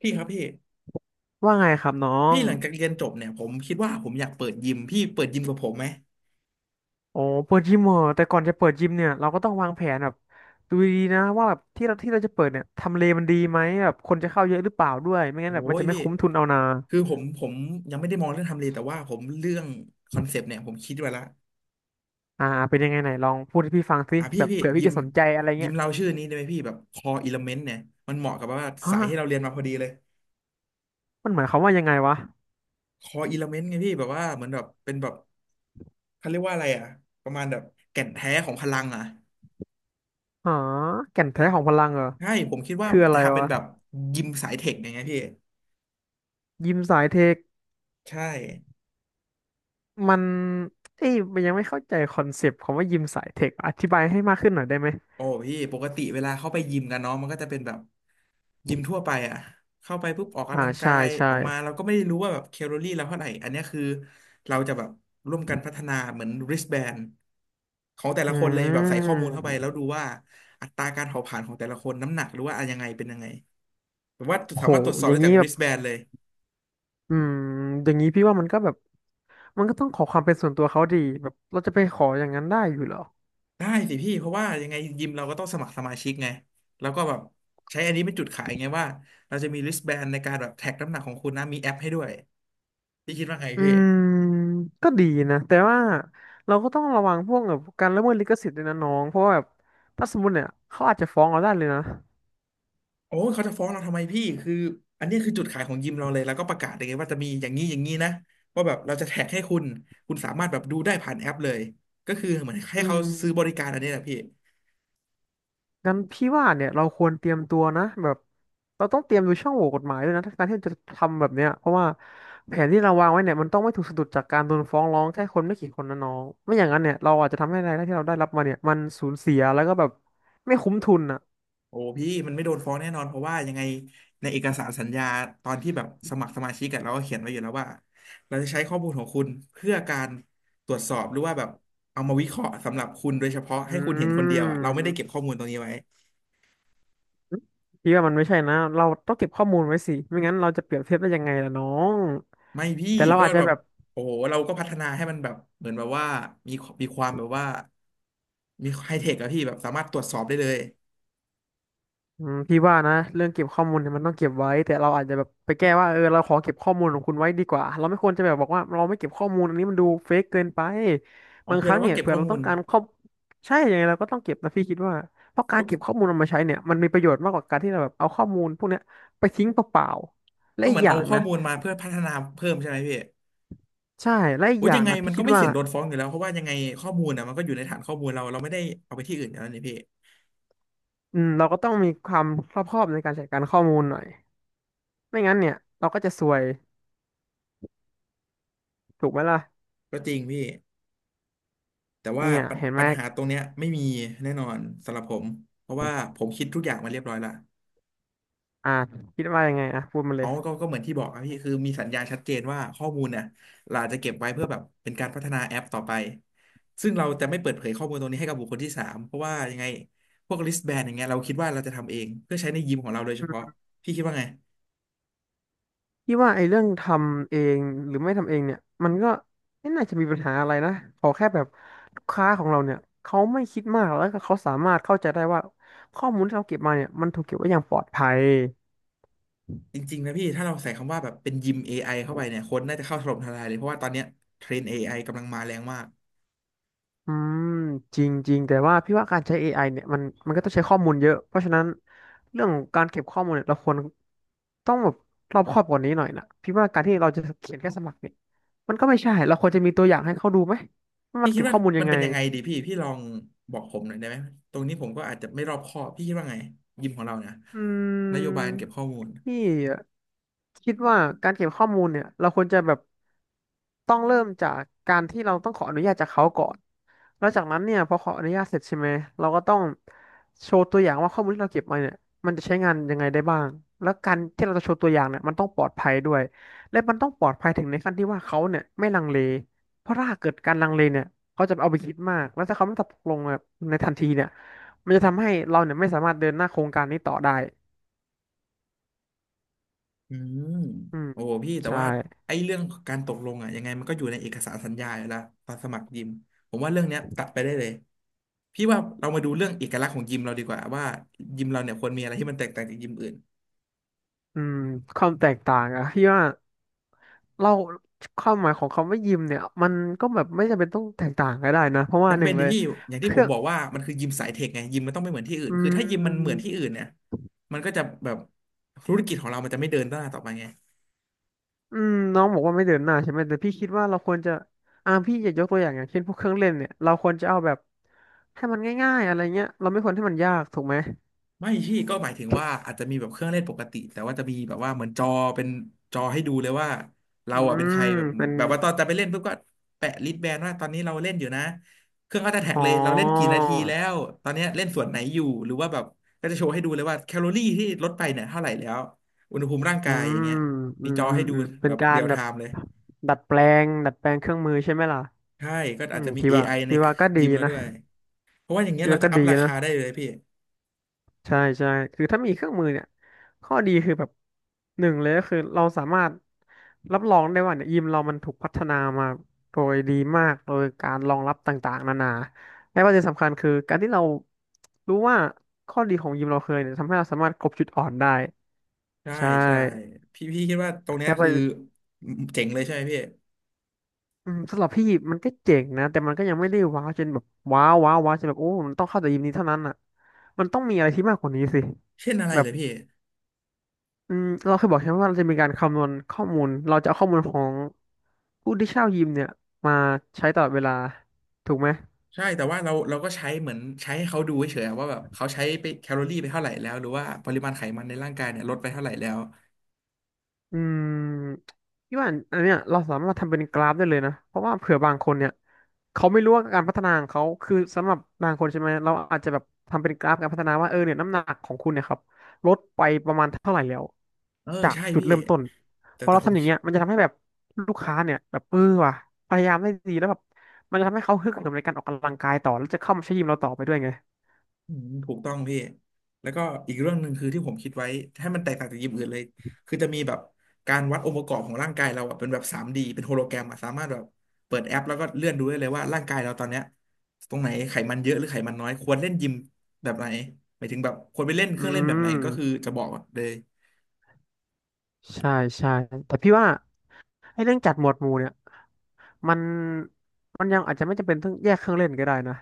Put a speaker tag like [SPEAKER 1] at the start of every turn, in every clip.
[SPEAKER 1] พี่ครับพี่
[SPEAKER 2] ว่าไงครับน้อ
[SPEAKER 1] พี่
[SPEAKER 2] ง
[SPEAKER 1] หลังจากเรียนจบเนี่ยผมคิดว่าผมอยากเปิดยิมพี่เปิดยิมกับผมไหม
[SPEAKER 2] โอ้เปิดยิมเหรอแต่ก่อนจะเปิดยิมเนี่ยเราก็ต้องวางแผนแบบดูดีๆนะว่าแบบที่เราจะเปิดเนี่ยทำเลมันดีไหมแบบคนจะเข้าเยอะหรือเปล่าด้วยไม่
[SPEAKER 1] โอ้
[SPEAKER 2] งั้นแบบมัน
[SPEAKER 1] ย
[SPEAKER 2] จะไม่
[SPEAKER 1] พี่
[SPEAKER 2] คุ้มทุนเอานา
[SPEAKER 1] คือผมยังไม่ได้มองเรื่องทำเลแต่ว่าผมเรื่องคอนเซปต์เนี่ยผมคิดไว้ละ
[SPEAKER 2] อ่าเป็นยังไงไหนลองพูดให้พี่ฟังสิ
[SPEAKER 1] อ่ะพี่
[SPEAKER 2] แบบ
[SPEAKER 1] พี่
[SPEAKER 2] เผื่อพี่
[SPEAKER 1] ยิม
[SPEAKER 2] จะสนใจอะไร
[SPEAKER 1] ยิ
[SPEAKER 2] เงี้
[SPEAKER 1] ม
[SPEAKER 2] ย
[SPEAKER 1] เราชื่อนี้ได้ไหมพี่แบบคออิเลเมนต์เนี่ยมันเหมาะกับว่า
[SPEAKER 2] ฮะ
[SPEAKER 1] สายที่เราเรียนมาพอดีเลย
[SPEAKER 2] มันหมายความว่ายังไงวะ
[SPEAKER 1] คออิเลเมนต์ไงพี่แบบว่าเหมือนแบบเป็นแบบเขาเรียกว่าอะไรประมาณแบบแก่นแท้ของพลังอ่ะ
[SPEAKER 2] ฮาแก่น
[SPEAKER 1] เออ
[SPEAKER 2] แท้ของพลังเหรอ
[SPEAKER 1] ใช่ผมคิดว่า
[SPEAKER 2] คืออะ
[SPEAKER 1] จะ
[SPEAKER 2] ไร
[SPEAKER 1] ทำเป็น
[SPEAKER 2] วะ
[SPEAKER 1] แบบยิมสายเทคอย่างเงี้ยพี่
[SPEAKER 2] ยิมสายเทค
[SPEAKER 1] ใช่
[SPEAKER 2] มันเอ้ยมันยังไม่เข้าใจคอนเซปต์ของว่ายิมสายเทคอธิบายให้มากขึ้นหน่อยได้ไหม
[SPEAKER 1] โอ้พี่ปกติเวลาเข้าไปยิมกันเนาะมันก็จะเป็นแบบยิมทั่วไปอะเข้าไปปุ๊บออก
[SPEAKER 2] อ่า
[SPEAKER 1] กำลังกา
[SPEAKER 2] ใช่
[SPEAKER 1] ย
[SPEAKER 2] ใช่
[SPEAKER 1] ออกมาเราก็ไม่ได้รู้ว่าแบบแคลอรี่เราเท่าไหร่อันเนี้ยคือเราจะแบบร่วมกันพัฒนาเหมือน wristband ของแต่
[SPEAKER 2] อื
[SPEAKER 1] ละคนเลยแบบใส่ข้อมูลเข้าไปแล้ว
[SPEAKER 2] ม
[SPEAKER 1] ดูว่าอัตราการเผาผลาญของแต่ละคนน้ำหนักหรือว่าอะไรยังไงเป็นยังไงแบบว่า
[SPEAKER 2] โอ้
[SPEAKER 1] สา
[SPEAKER 2] โห
[SPEAKER 1] มารถตรวจสอ
[SPEAKER 2] อ
[SPEAKER 1] บ
[SPEAKER 2] ย่า
[SPEAKER 1] ได้
[SPEAKER 2] ง
[SPEAKER 1] จา
[SPEAKER 2] นี้
[SPEAKER 1] ก
[SPEAKER 2] แบบ
[SPEAKER 1] wristband เลย
[SPEAKER 2] อืมอย่างนี้พี่ว่ามันก็แบบมันก็ต้องขอความเป็นส่วนตัวเขาดีแบบเราจะไปขออย่างนั้นได้อยู่เหรอ
[SPEAKER 1] ได้สิพี่เพราะว่ายังไงยิมเราก็ต้องสมัครสมาชิกไงแล้วก็แบบใช้อันนี้เป็นจุดขายไงว่าเราจะมี wristband ในการแบบแท็กน้ำหนักของคุณนะมีแอปให้ด้วย พี่คิดว่าไง
[SPEAKER 2] อื
[SPEAKER 1] พี่
[SPEAKER 2] มก็ดีนะแต่ว่าเราก็ต้องระวังพวกแบบการละเมิดลิขสิทธิ์ด้วยนะน้องเพราะว่าแบบถ้าสมมติเนี่ยเขาอาจจะฟ้องเราได้เลยนะ
[SPEAKER 1] โอ้ยเขาจะฟ้องเราทำไมพี่ คืออันนี้คือจุดขายของยิมเราเลย แล้วก็ประกาศเลยไงว่าจะมีอย่างนี้อย่างนี้นะ ว่าแบบเราจะแท็กให้คุณ คุณสามารถแบบดูได้ผ่านแอปเลย ก็คือเหมือนให้
[SPEAKER 2] อื
[SPEAKER 1] เขา
[SPEAKER 2] ม
[SPEAKER 1] ซื้อบริการอันนี้แหละพี่
[SPEAKER 2] งั้นพี่ว่าเนี่ยเราควรเตรียมตัวนะแบบเราต้องเตรียมดูช่องโหว่กฎหมายด้วยนะถ้าการที่จะทำแบบเนี้ยเพราะว่าแผนที่เราวางไว้เนี่ยมันต้องไม่ถูกสะดุดจากการโดนฟ้องร้องแค่คนไม่กี่คนนะน้องไม่อย่างนั้นเนี่ยเราอาจจะทำให้รายได้ที่เราได้รับมาเนี่ยมันสูญเสียแล้วก็แบบไม่คุ้มทุนอ่ะ
[SPEAKER 1] โอ้พี่มันไม่โดนฟ้องแน่นอน เพราะว่ายังไงในเอกสารสัญญาตอนที่แบบสมัครสมาชิกกันเราก็เขียนไว้อยู่แล้วว่าเราจะใช้ข้อมูลของคุณเพื่อการตรวจสอบหรือว่าแบบเอามาวิเคราะห์สำหรับคุณโดยเฉพาะ
[SPEAKER 2] อื
[SPEAKER 1] ให้คุณเห็นคนเดียวอ่ะเราไม่ได้เก็บ
[SPEAKER 2] ม
[SPEAKER 1] ข้อมูลตรงนี้ไว้
[SPEAKER 2] พี่ว่ามันไม่ใช่นะเราต้องเก็บข้อมูลไว้สิไม่งั้นเราจะเปรียบเทียบได้ยังไงล่ะน้อง
[SPEAKER 1] ไม่พี่
[SPEAKER 2] แต่เรา
[SPEAKER 1] ก็
[SPEAKER 2] อาจจะ
[SPEAKER 1] แบบ
[SPEAKER 2] แบบ
[SPEAKER 1] โอ้โหเราก็พัฒนาให้มันแบบเหมือนแบบว่ามีมีความแบบว่ามีไฮเทคอะพี่แบบสามารถตรวจสอบได้เลย
[SPEAKER 2] อืมพี่ว่านะเรื่องเก็บข้อมูลเนี่ยมันต้องเก็บไว้แต่เราอาจจะแบบไปแก้ว่าเออเราขอเก็บข้อมูลของคุณไว้ดีกว่าเราไม่ควรจะแบบบอกว่าเราไม่เก็บข้อมูลอันนี้มันดูเฟกเกินไป
[SPEAKER 1] อ๋อ
[SPEAKER 2] บาง
[SPEAKER 1] คื
[SPEAKER 2] ค
[SPEAKER 1] อ
[SPEAKER 2] รั้ง
[SPEAKER 1] เราก็
[SPEAKER 2] เนี่ย
[SPEAKER 1] เก็บ
[SPEAKER 2] เผื่อ
[SPEAKER 1] ข้อ
[SPEAKER 2] เรา
[SPEAKER 1] มู
[SPEAKER 2] ต้อ
[SPEAKER 1] ล
[SPEAKER 2] งการข้อใช่ยังไงเราก็ต้องเก็บนะพี่คิดว่าเพราะกา
[SPEAKER 1] แล้
[SPEAKER 2] ร
[SPEAKER 1] ว
[SPEAKER 2] เก็บข้อมูลเอามาใช้เนี่ยมันมีประโยชน์มากกว่าการที่เราแบบเอาข้อมูลพวกเนี้ยไปทิ้งเปล่าๆและ
[SPEAKER 1] ก็เห
[SPEAKER 2] อี
[SPEAKER 1] มื
[SPEAKER 2] ก
[SPEAKER 1] อน
[SPEAKER 2] อย่า
[SPEAKER 1] เอา
[SPEAKER 2] ง
[SPEAKER 1] ข้อ
[SPEAKER 2] นะ
[SPEAKER 1] มูลมาเพื่อพัฒนาเพิ่มใช่ไหมพี่
[SPEAKER 2] ใช่และอีก
[SPEAKER 1] โอ้ย
[SPEAKER 2] อย่า
[SPEAKER 1] ยั
[SPEAKER 2] ง
[SPEAKER 1] งไง
[SPEAKER 2] นะ
[SPEAKER 1] มั
[SPEAKER 2] พี่
[SPEAKER 1] นก็
[SPEAKER 2] คิด
[SPEAKER 1] ไม่
[SPEAKER 2] ว่า
[SPEAKER 1] เสี่ยงโดนฟ้องอยู่แล้วเพราะว่ายังไงข้อมูลอะมันก็อยู่ในฐานข้อมูลเราเราไม่ได้เอาไปที่อื่นอยู่แล้วนี่พี่
[SPEAKER 2] อืมเราก็ต้องมีความรอบคอบในการจัดการข้อมูลหน่อยไม่งั้นเนี่ยเราก็จะซวยถูกไหมล่ะ
[SPEAKER 1] ก็จริงพี่แต่ว่า
[SPEAKER 2] เนี่ย
[SPEAKER 1] ปัญ
[SPEAKER 2] เห็นไห
[SPEAKER 1] ปั
[SPEAKER 2] ม
[SPEAKER 1] ญหาตรงเนี้ยไม่มีแน่นอนสำหรับผมเพราะว่าผมคิดทุกอย่างมาเรียบร้อยละ
[SPEAKER 2] อ่ะคิดว่ายังไงอ่ะพูดมาเล
[SPEAKER 1] เขา
[SPEAKER 2] ย
[SPEAKER 1] ก็เหมือนที่บอกครับพี่คือมีสัญญาชัดเจนว่าข้อมูลเนี่ยเราจะเก็บไว้เพื่อแบบเป็นการพัฒนาแอปต่อไป ซึ่งเราจะไม่เปิดเผยข้อมูลตรงนี้ให้กับบุคคลที่สามเพราะว่ายังไงพวก wristband อย่างเงี้ยเราคิดว่าเราจะทำเองเพื่อใช้ในยิมของเราโดยเฉพาะพี่คิดว่าไง
[SPEAKER 2] พี่ว่าไอ้เรื่องทำเองหรือไม่ทำเองเนี่ยมันก็ไม่น่าจะมีปัญหาอะไรนะขอแค่แบบลูกค้าของเราเนี่ยเขาไม่คิดมากแล้วก็เขาสามารถเข้าใจได้ว่าข้อมูลที่เราเก็บมาเนี่ยมันถูกเก็บไว้อย่างปลอดภัย
[SPEAKER 1] จริงๆนะพี่ถ้าเราใส่คำว่าแบบเป็นยิม AI เข้าไปเนี่ยคนน่าจะเข้าถล่มทลายเลยเพราะว่าตอนเนี้ยเทรนเอไอกำลังมาแรงมาก
[SPEAKER 2] อืมจริงๆแต่ว่าพี่ว่าการใช้เอไอเนี่ยมันก็ต้องใช้ข้อมูลเยอะเพราะฉะนั้นเรื่องของการเก็บข้อมูลเนี่ยเราควรต้องแบบรอบคอบกว่านี้หน่อยนะพี่ว่าการที่เราจะเขียนแค่สมัครเนี่ยมันก็ไม่ใช่เราควรจะมีตัวอย่างให้เขาดูไหมว่ามั
[SPEAKER 1] พี่
[SPEAKER 2] น
[SPEAKER 1] คิด
[SPEAKER 2] เก็บ
[SPEAKER 1] ว่า
[SPEAKER 2] ข้อมูลยั
[SPEAKER 1] มัน
[SPEAKER 2] งไง
[SPEAKER 1] เป็นยังไงดีพี่พี่ลองบอกผมหน่อยได้ไหมตรงนี้ผมก็อาจจะไม่รอบคอบพี่คิดว่าไงยิมของเราเนี่ย
[SPEAKER 2] อื
[SPEAKER 1] นโยบาย
[SPEAKER 2] ม
[SPEAKER 1] การเก็บข้อมูล
[SPEAKER 2] พี่คิดว่าการเก็บข้อมูลเนี่ยเราควรจะแบบต้องเริ่มจากการที่เราต้องขออนุญาตจากเขาก่อนแล้วจากนั้นเนี่ยพอขออนุญาตเสร็จใช่ไหมเราก็ต้องโชว์ตัวอย่างว่าข้อมูลที่เราเก็บมาเนี่ยมันจะใช้งานยังไงได้บ้าง แล้วการที่เราจะโชว์ตัวอย่างเนี่ยมันต้องปลอดภัยด้วยและมันต้องปลอดภัยถึงในขั้นที่ว่าเขาเนี่ยไม่ลังเลเพราะถ้าเกิดการลังเลเนี่ยเขาจะเอาไปคิดมากแล้วถ้าเขาไม่ตกลงแบบในทันทีเนี่ยมันจะทำให้เราเนี่ยไม่สามารถเดินหน้าโครงการนี้ต่อได้
[SPEAKER 1] อืม
[SPEAKER 2] อืม
[SPEAKER 1] โอ้พี่แต่
[SPEAKER 2] ใช่
[SPEAKER 1] ว่าไอ้เรื่องการตกลงอ่ะยังไงมันก็อยู่ในเอกสารสัญญาอยู่แล้วตอนสมัครยิมผมว่าเรื่องเนี้ยตัดไปได้เลยพี่ว่าเรามาดูเรื่องเอกลักษณ์ของยิมเราดีกว่าว่ายิมเราเนี่ยควรมีอะไรที่มันแตกต่างจากยิมอื่น
[SPEAKER 2] อืมความแตกต่างอะที่ว่าเราความหมายของคำว่ายิมเนี่ยมันก็แบบไม่จำเป็นต้องแตกต่างก็ได้นะเพราะว่า
[SPEAKER 1] จำ
[SPEAKER 2] หนึ่
[SPEAKER 1] เป็น
[SPEAKER 2] งเล
[SPEAKER 1] ที่
[SPEAKER 2] ย
[SPEAKER 1] พี่อย่าง
[SPEAKER 2] เค
[SPEAKER 1] ที่ผ
[SPEAKER 2] รื่
[SPEAKER 1] ม
[SPEAKER 2] อง
[SPEAKER 1] บอกว่ามันคือยิมสายเทคไงยิมมันต้องไม่เหมือนที่อื่น
[SPEAKER 2] อื
[SPEAKER 1] คือถ้ายิมมันเหมือ
[SPEAKER 2] ม
[SPEAKER 1] นที่อื่นเนี่ยมันก็จะแบบธุรกิจของเรามันจะไม่เดินหน้าต่อไปไง
[SPEAKER 2] อืมน้องบอกว่าไม่เดินหน้าใช่ไหมแต่พี่คิดว่าเราควรจะพี่อยากยกตัวอย่างอย่างเช่นพวกเครื่องเล่นเนี่ยเราควรจะเอาแบบให้มันง่ายๆอะไรเงี้ยเราไม่ควรให้มันยากถูกไหม
[SPEAKER 1] ไม่พี่ก็หมายถึงว่าอาจจะมีแบบเครื่องเล่นปกติแต่ว่าจะมีแบบว่าเหมือนจอเป็นจอให้ดูเลยว่าเรา
[SPEAKER 2] อื
[SPEAKER 1] อ่ะเป็นใค
[SPEAKER 2] ม
[SPEAKER 1] รแบบ
[SPEAKER 2] เป็น
[SPEAKER 1] แบบว่าตอนจะไปเล่นปุ๊บก็แปะลิสต์แบนว่าตอนนี้เราเล่นอยู่นะเครื่องก็จะแท็ก
[SPEAKER 2] อ๋
[SPEAKER 1] เลยเราเล่นกี่
[SPEAKER 2] อ
[SPEAKER 1] นาทีแล้วตอนเนี้ยเล่นส่วนไหนอยู่หรือว่าแบบก็จะโชว์ให้ดูเลยว่าแคลอรี่ที่ลดไปเนี่ยเท่าไหร่แล้วอุณหภูมิร่าง
[SPEAKER 2] อื
[SPEAKER 1] กายอย่าง
[SPEAKER 2] ม
[SPEAKER 1] เงี้ย
[SPEAKER 2] อื
[SPEAKER 1] มี
[SPEAKER 2] ม
[SPEAKER 1] จอ
[SPEAKER 2] อื
[SPEAKER 1] ให้
[SPEAKER 2] ม
[SPEAKER 1] ดู
[SPEAKER 2] อืมเป็
[SPEAKER 1] แบ
[SPEAKER 2] น
[SPEAKER 1] บ
[SPEAKER 2] กา
[SPEAKER 1] เรี
[SPEAKER 2] ร
[SPEAKER 1] ยล
[SPEAKER 2] แบ
[SPEAKER 1] ไท
[SPEAKER 2] บ
[SPEAKER 1] ม์เลย
[SPEAKER 2] ดัดแปลดัดแปลงเครื่องมือใช่ไหมล่ะ
[SPEAKER 1] ใช่ก็
[SPEAKER 2] อื
[SPEAKER 1] อาจ
[SPEAKER 2] ม
[SPEAKER 1] จะมี
[SPEAKER 2] พี่
[SPEAKER 1] เอ
[SPEAKER 2] ว่า
[SPEAKER 1] ไอใน
[SPEAKER 2] ก็ดี
[SPEAKER 1] ยิมแล้ว
[SPEAKER 2] นะ
[SPEAKER 1] ด้วยเพราะว่าอย่างเงี้ย
[SPEAKER 2] พี่
[SPEAKER 1] เรา
[SPEAKER 2] ว่า
[SPEAKER 1] จะ
[SPEAKER 2] ก็
[SPEAKER 1] อั
[SPEAKER 2] ดี
[SPEAKER 1] พรา
[SPEAKER 2] นะ
[SPEAKER 1] คาได้เลยพี่
[SPEAKER 2] ใช่ใช่คือถ้ามีเครื่องมือเนี่ยข้อดีคือแบบหนึ่งเลยก็คือเราสามารถรับรองได้ว่าเนี่ยยิมเรามันถูกพัฒนามาโดยดีมากโดยการรองรับต่างๆนานาและประเด็นสำคัญคือการที่เรารู้ว่าข้อดีของยิมเราเคยเนี่ยทำให้เราสามารถกลบจุดอ่อนได้
[SPEAKER 1] ใช่
[SPEAKER 2] ใช่
[SPEAKER 1] ใช่พี่คิดว่าตรงเนี้
[SPEAKER 2] แล้
[SPEAKER 1] ย
[SPEAKER 2] ว
[SPEAKER 1] คือเจ๋งเลยใช่ไหมพี่
[SPEAKER 2] อืมสำหรับพี่มันก็เจ๋งนะแต่มันก็ยังไม่ได้ว้าวจนแบบว้าวว้าวว้าวจนแบบโอ้มันต้องเข้าแต่ยิมนี้เท่านั้นอ่ะมันต้องมีอะไรที่มากกว่านี้สิ
[SPEAKER 1] เช่นอะไร
[SPEAKER 2] แบ
[SPEAKER 1] เล
[SPEAKER 2] บ
[SPEAKER 1] ยพี่
[SPEAKER 2] อืมเราเคยบอกใช่ไหมว่าเราจะมีการคำนวณข้อมูลเราจะเอาข้อมูลของผู้ที่เช่ายิมเนี่ยมาใช้ตลอดเวลาถูกไหม
[SPEAKER 1] ใช่แต่ว่าเราก็ใช้เหมือนใช้ให้เขาดูเฉยๆอะว่าแบบเขาใช้ไปแคลอรี่ไปเท่าไหร่แล้วหรือว่าปริมาณไขมันในร่างกายเนี่ยลดไปเท่าไหร่แล้ว
[SPEAKER 2] อืมพี่ว่าอันเนี้ยเราสามารถทำเป็นกราฟได้เลยนะเพราะว่าเผื่อบางคนเนี่ยเขาไม่รู้ว่าการพัฒนาของเขาคือสำหรับบางคนใช่ไหมเราอาจจะแบบทำเป็นกราฟการพัฒนาว่าเออเนี่ยน้ำหนักของคุณเนี่ยครับลดไปประมาณเท่าไหร่แล้ว
[SPEAKER 1] เออ
[SPEAKER 2] จาก
[SPEAKER 1] ใช่
[SPEAKER 2] จุด
[SPEAKER 1] พี่
[SPEAKER 2] เริ่มต้น
[SPEAKER 1] แต่
[SPEAKER 2] พอ
[SPEAKER 1] แต่
[SPEAKER 2] เรา
[SPEAKER 1] ผม
[SPEAKER 2] ทำอย่างเงี้ยมันจะทำให้แบบลูกค้าเนี่ยแบบเออว่ะพยายามได้ดีแล้วแบบมันจะทำให้เขาฮึกเหิมในการออกกำลังกายต่อแล้วจะเข้ามาใช้ยิมเราต่อไปด้วยไง
[SPEAKER 1] อืมถูกต้องพี่แล้วก็อีกเรื่องหนึ่งคือที่ผมคิดไว้ให้มันแตกต่างจากยิมอื่นเลยคือจะมีแบบการวัดองค์ประกอบของร่างกายเราอะเป็นแบบ 3D เป็นโฮโลแกรมอะสามารถแบบเปิดแอปแล้วก็เลื่อนดูได้เลยว่าร่างกายเราตอนเนี้ยตรงไหนไขมันเยอะหรือไขมันน้อยควรเล่นยิมแบบไหนหมายถึงแบบควรไปเล่นเค
[SPEAKER 2] อื
[SPEAKER 1] รื่องเล่นแบบไหน
[SPEAKER 2] ม
[SPEAKER 1] ก็คือจะบอกเลย
[SPEAKER 2] ใช่ใช่แต่พี่ว่าไอ้เรื่องจัดหมวดหมู่เนี่ย มันมันยังอาจจะไม่จำเป็นต้องแยกเครื่องเล่นก็ได้นะ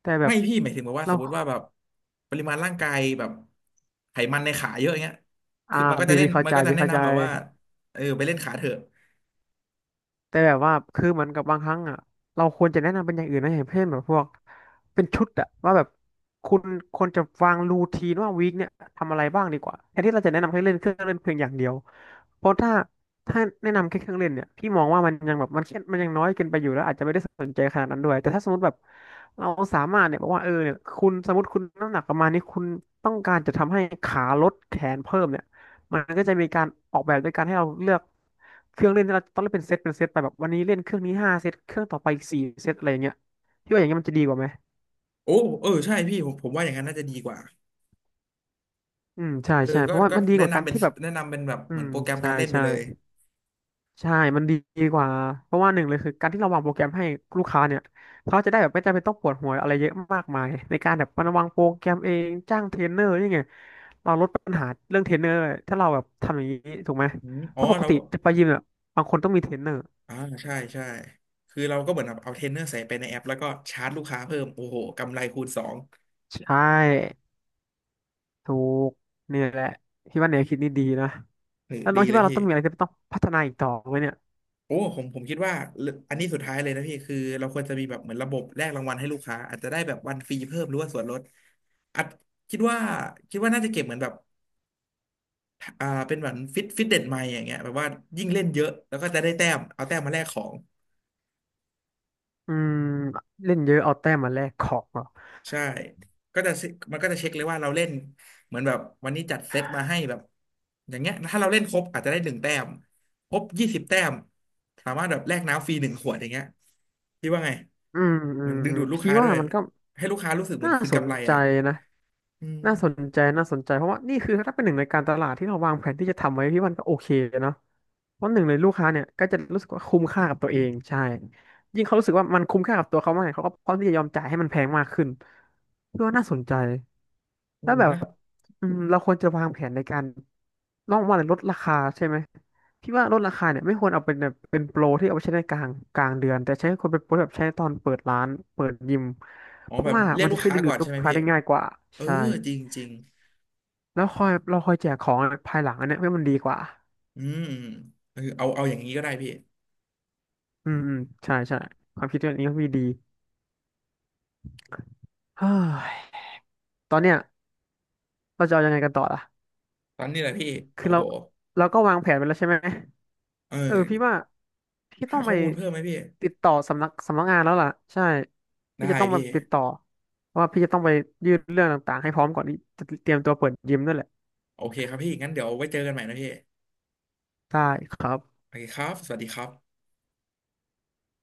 [SPEAKER 2] แต่แบ
[SPEAKER 1] ไม่
[SPEAKER 2] บ
[SPEAKER 1] พี่หมายถึงแบบว่าส
[SPEAKER 2] เรา
[SPEAKER 1] มมติว่าแบบปริมาณร่างกายแบบไขมันในขาเยอะอย่างเงี้ย
[SPEAKER 2] อ่า
[SPEAKER 1] คือมันก็จะ
[SPEAKER 2] พี่
[SPEAKER 1] เล่น
[SPEAKER 2] เข้า
[SPEAKER 1] มัน
[SPEAKER 2] ใจ
[SPEAKER 1] ก็จะ
[SPEAKER 2] พี่
[SPEAKER 1] แนะ
[SPEAKER 2] เข้าใจ
[SPEAKER 1] นำแบบว่าเออไปเล่นขาเถอะ
[SPEAKER 2] แต่แบบว่าคือเหมือนกับบางครั้งอ่ะเราควรจะแนะนำเป็นอย่างอื่นนะอย่างเช่นแบบพวกเป็นชุดอ่ะว่าแบบคุณควรจะวางรูทีนว่าวีคเนี่ยทำอะไรบ้างดีกว่าแทนที่เราจะแนะนำให้เล่นเครื่องเล่นเพียงอย่างเดียวเพราะถ้าแนะนำแค่เครื่องเล่นเนี่ยพี่มองว่ามันยังแบบมันแค่มันยังน้อยเกินไปอยู่แล้วอาจจะไม่ได้สนใจขนาดนั้นด้วยแต่ถ้าสมมติแบบเราสามารถเนี่ยบอกว่าเออเนี่ยคุณสมมติคุณน้ำหนักประมาณนี้คุณต้องการจะทำให้ขาลดแขนเพิ่มเนี่ย มันก็จะมีการออกแบบด้วยการให้เราเลือกเครื่องเล่นที่เราต้องเล่นเป็นเซตเป็นเซตไปแบบวันนี้เล่นเครื่องนี้ห้าเซตเครื่องต่อไปอีกสี่เซตอะไรอย่างเงี้ยพี่ว่าอย่างเงี้ยมันจะดีกว่าไหม
[SPEAKER 1] โอ้เออใช่พี่ผมว่าอย่างนั้นน่าจะดีกว่า
[SPEAKER 2] อืมใช่
[SPEAKER 1] เออ
[SPEAKER 2] ใช่เพ
[SPEAKER 1] ก็
[SPEAKER 2] ราะว่า
[SPEAKER 1] ก็
[SPEAKER 2] มันดี
[SPEAKER 1] แนะ
[SPEAKER 2] กว่าการ
[SPEAKER 1] นำเป็น
[SPEAKER 2] ที่แบบ
[SPEAKER 1] แนะนำเป็นแบบ
[SPEAKER 2] อื
[SPEAKER 1] เหมือ
[SPEAKER 2] ม
[SPEAKER 1] นโปรแกรม
[SPEAKER 2] ใช่
[SPEAKER 1] การเล่นไป
[SPEAKER 2] ใช่
[SPEAKER 1] เลย
[SPEAKER 2] ใช่มันดีกว่าเพราะว่าหนึ่งเลยคือการที่เราวางโปรแกรมให้ลูกค้าเนี่ยเขาจะได้แบบไม่จำเป็นต้องปวดหัวอะไรเยอะมากมายในการแบบมาวางโปรแกรมเองจ้างเทรนเนอร์นี่ไงเราลดปัญหาเรื่องเทรนเนอร์ถ้าเราแบบทำอย่างนี้ถูกไหม
[SPEAKER 1] อม
[SPEAKER 2] เพ
[SPEAKER 1] อ๋อ
[SPEAKER 2] ราะปก
[SPEAKER 1] เรา
[SPEAKER 2] ติจะไปยิมเนี่ยบางคนต้องมีเทรนเนอร์
[SPEAKER 1] อ่าใช่ใช่คือเราก็เหมือนแบบเอาเทรนเนอร์ใส่ไปในแอปแล้วก็ชาร์จลูกค้าเพิ่มโอ้โหกำไรคูณสอง
[SPEAKER 2] ใช่ ถูกนี่แหละพี่ว่าแนวคิดนี่ดีนะ
[SPEAKER 1] เออ
[SPEAKER 2] แล้วน้อ
[SPEAKER 1] ดี
[SPEAKER 2] งคิด
[SPEAKER 1] เลย
[SPEAKER 2] ว่าเรา
[SPEAKER 1] พี่
[SPEAKER 2] ต้องมีอะไรที่ต้องพัฒนาอีกต่อไหมเนี่ย
[SPEAKER 1] โอ้ผมคิดว่าเรื่องอันนี้สุดท้ายเลยนะพี่คือเราควรจะมีแบบเหมือนระบบแลกรางวัลให้ลูกค้าอาจจะได้แบบวันฟรีเพิ่มหรือว่าส่วนลดอาจคิดว่าคิดว่าน่าจะเก็บเหมือนแบบอ่าเป็นเหมือนฟิตเด็ไมล์อย่างเงี้ยแบบว่ายิ่งเล่นเยอะแล้วก็จะได้แต้มเอาแต้มมาแลกของ
[SPEAKER 2] อืมเล่นเยอะเอาแต้มมาแลกของเหรอ
[SPEAKER 1] ใช่ก็จะมันก็จะเช็คเลยว่าเราเล่นเหมือนแบบวันนี้จัดเซตมาให้แบบอย่างเงี้ยถ้าเราเล่นครบอาจจะได้1 แต้มครบ20 แต้มสามารถแบบแลกน้ำฟรี1 ขวดอย่างเงี้ยพี่ว่าไง
[SPEAKER 2] อืมอื
[SPEAKER 1] มัน
[SPEAKER 2] ม
[SPEAKER 1] ดึง
[SPEAKER 2] อืม
[SPEAKER 1] ดูดลูก
[SPEAKER 2] พี่
[SPEAKER 1] ค้าด้
[SPEAKER 2] ว่า
[SPEAKER 1] วย
[SPEAKER 2] มันก็
[SPEAKER 1] ให้ลูกค้ารู้สึกเหมือ
[SPEAKER 2] น่า
[SPEAKER 1] นคืน
[SPEAKER 2] สน
[SPEAKER 1] กำไร
[SPEAKER 2] ใจ
[SPEAKER 1] อ่ะ
[SPEAKER 2] นะ
[SPEAKER 1] อืม
[SPEAKER 2] น่าสนใจน่าสนใจเพราะว่านี่คือถ้าเป็นหนึ่งในการตลาดที่เราวางแผนที่จะทำไว้พี่ว่ามันก็โอเคเนาะเพราะหนึ่งเลยลูกค้าเนี่ยก็จะรู้สึกว่าคุ้มค่ากับตัวเองใช่ยิ่งเขารู้สึกว่ามันคุ้มค่ากับตัวเขามากเขาก็พร้อมที่จะยอมจ่ายให้มันแพงมากขึ้นพี่ว่าน่าสนใจ
[SPEAKER 1] เออ
[SPEAKER 2] แล้วแบบ
[SPEAKER 1] นะ
[SPEAKER 2] อืมเราควรจะวางแผนในการน้องว่าลดราคาใช่ไหมพี่ว่าลดราคาเนี่ยไม่ควรเอาเป็นแบบเป็นโปรที่เอาไปใช้ในกลางเดือนแต่ใช้ควรเป็นโปรแบบใช้ตอนเปิดร้านเปิดยิม
[SPEAKER 1] อ๋อ
[SPEAKER 2] เพ
[SPEAKER 1] แบ
[SPEAKER 2] ราะ
[SPEAKER 1] บ
[SPEAKER 2] ว่า
[SPEAKER 1] เรีย
[SPEAKER 2] มั
[SPEAKER 1] ก
[SPEAKER 2] น
[SPEAKER 1] ลู
[SPEAKER 2] จะ
[SPEAKER 1] ก
[SPEAKER 2] ช่วย
[SPEAKER 1] ค้า
[SPEAKER 2] ดึงดู
[SPEAKER 1] ก่อ
[SPEAKER 2] ด
[SPEAKER 1] น
[SPEAKER 2] ลู
[SPEAKER 1] ใช่
[SPEAKER 2] ก
[SPEAKER 1] ไหม
[SPEAKER 2] ค้า
[SPEAKER 1] พี่
[SPEAKER 2] ได้ง่ายกว่า
[SPEAKER 1] เออ
[SPEAKER 2] ใช่
[SPEAKER 1] จริงจริง
[SPEAKER 2] แล้วคอยเราคอยแจกของภายหลังอันเนี้ยให้มันดีกว่า
[SPEAKER 1] อืมเออเอาเอาอย่างนี้ก็ได้พี่
[SPEAKER 2] อืมอืมใช่ใช่ความคิดเรงนี้ก็มีดีเฮ้ยตอนเนี้ยเราจะเอายังไงกันต่อล่ะ
[SPEAKER 1] ตอนนี้แหละพี่
[SPEAKER 2] คือ
[SPEAKER 1] โอ้
[SPEAKER 2] เรา
[SPEAKER 1] โห
[SPEAKER 2] ก็วางแผนไปแล้วใช่ไหม
[SPEAKER 1] เออ
[SPEAKER 2] เออพี่ว่าพี่ต้
[SPEAKER 1] หา
[SPEAKER 2] อง
[SPEAKER 1] ข้
[SPEAKER 2] ไป
[SPEAKER 1] อมูลเพิ่มไหมพี่
[SPEAKER 2] ติดต่อสำนักงานแล้วล่ะใช่พี่
[SPEAKER 1] ได้
[SPEAKER 2] จะต้องไป
[SPEAKER 1] พี่
[SPEAKER 2] ติดต่อเพราะว่าพี่จะต้องไปยื่นเรื่องต่างๆให้พร้อมก่อนที่จะเตรียมตัวเปิดยิมด้วยแหละ
[SPEAKER 1] โอเคครับพี่งั้นเดี๋ยวไว้เจอกันใหม่นะพี่
[SPEAKER 2] ได้ครับ
[SPEAKER 1] โอเคครับ สวัสดีครับ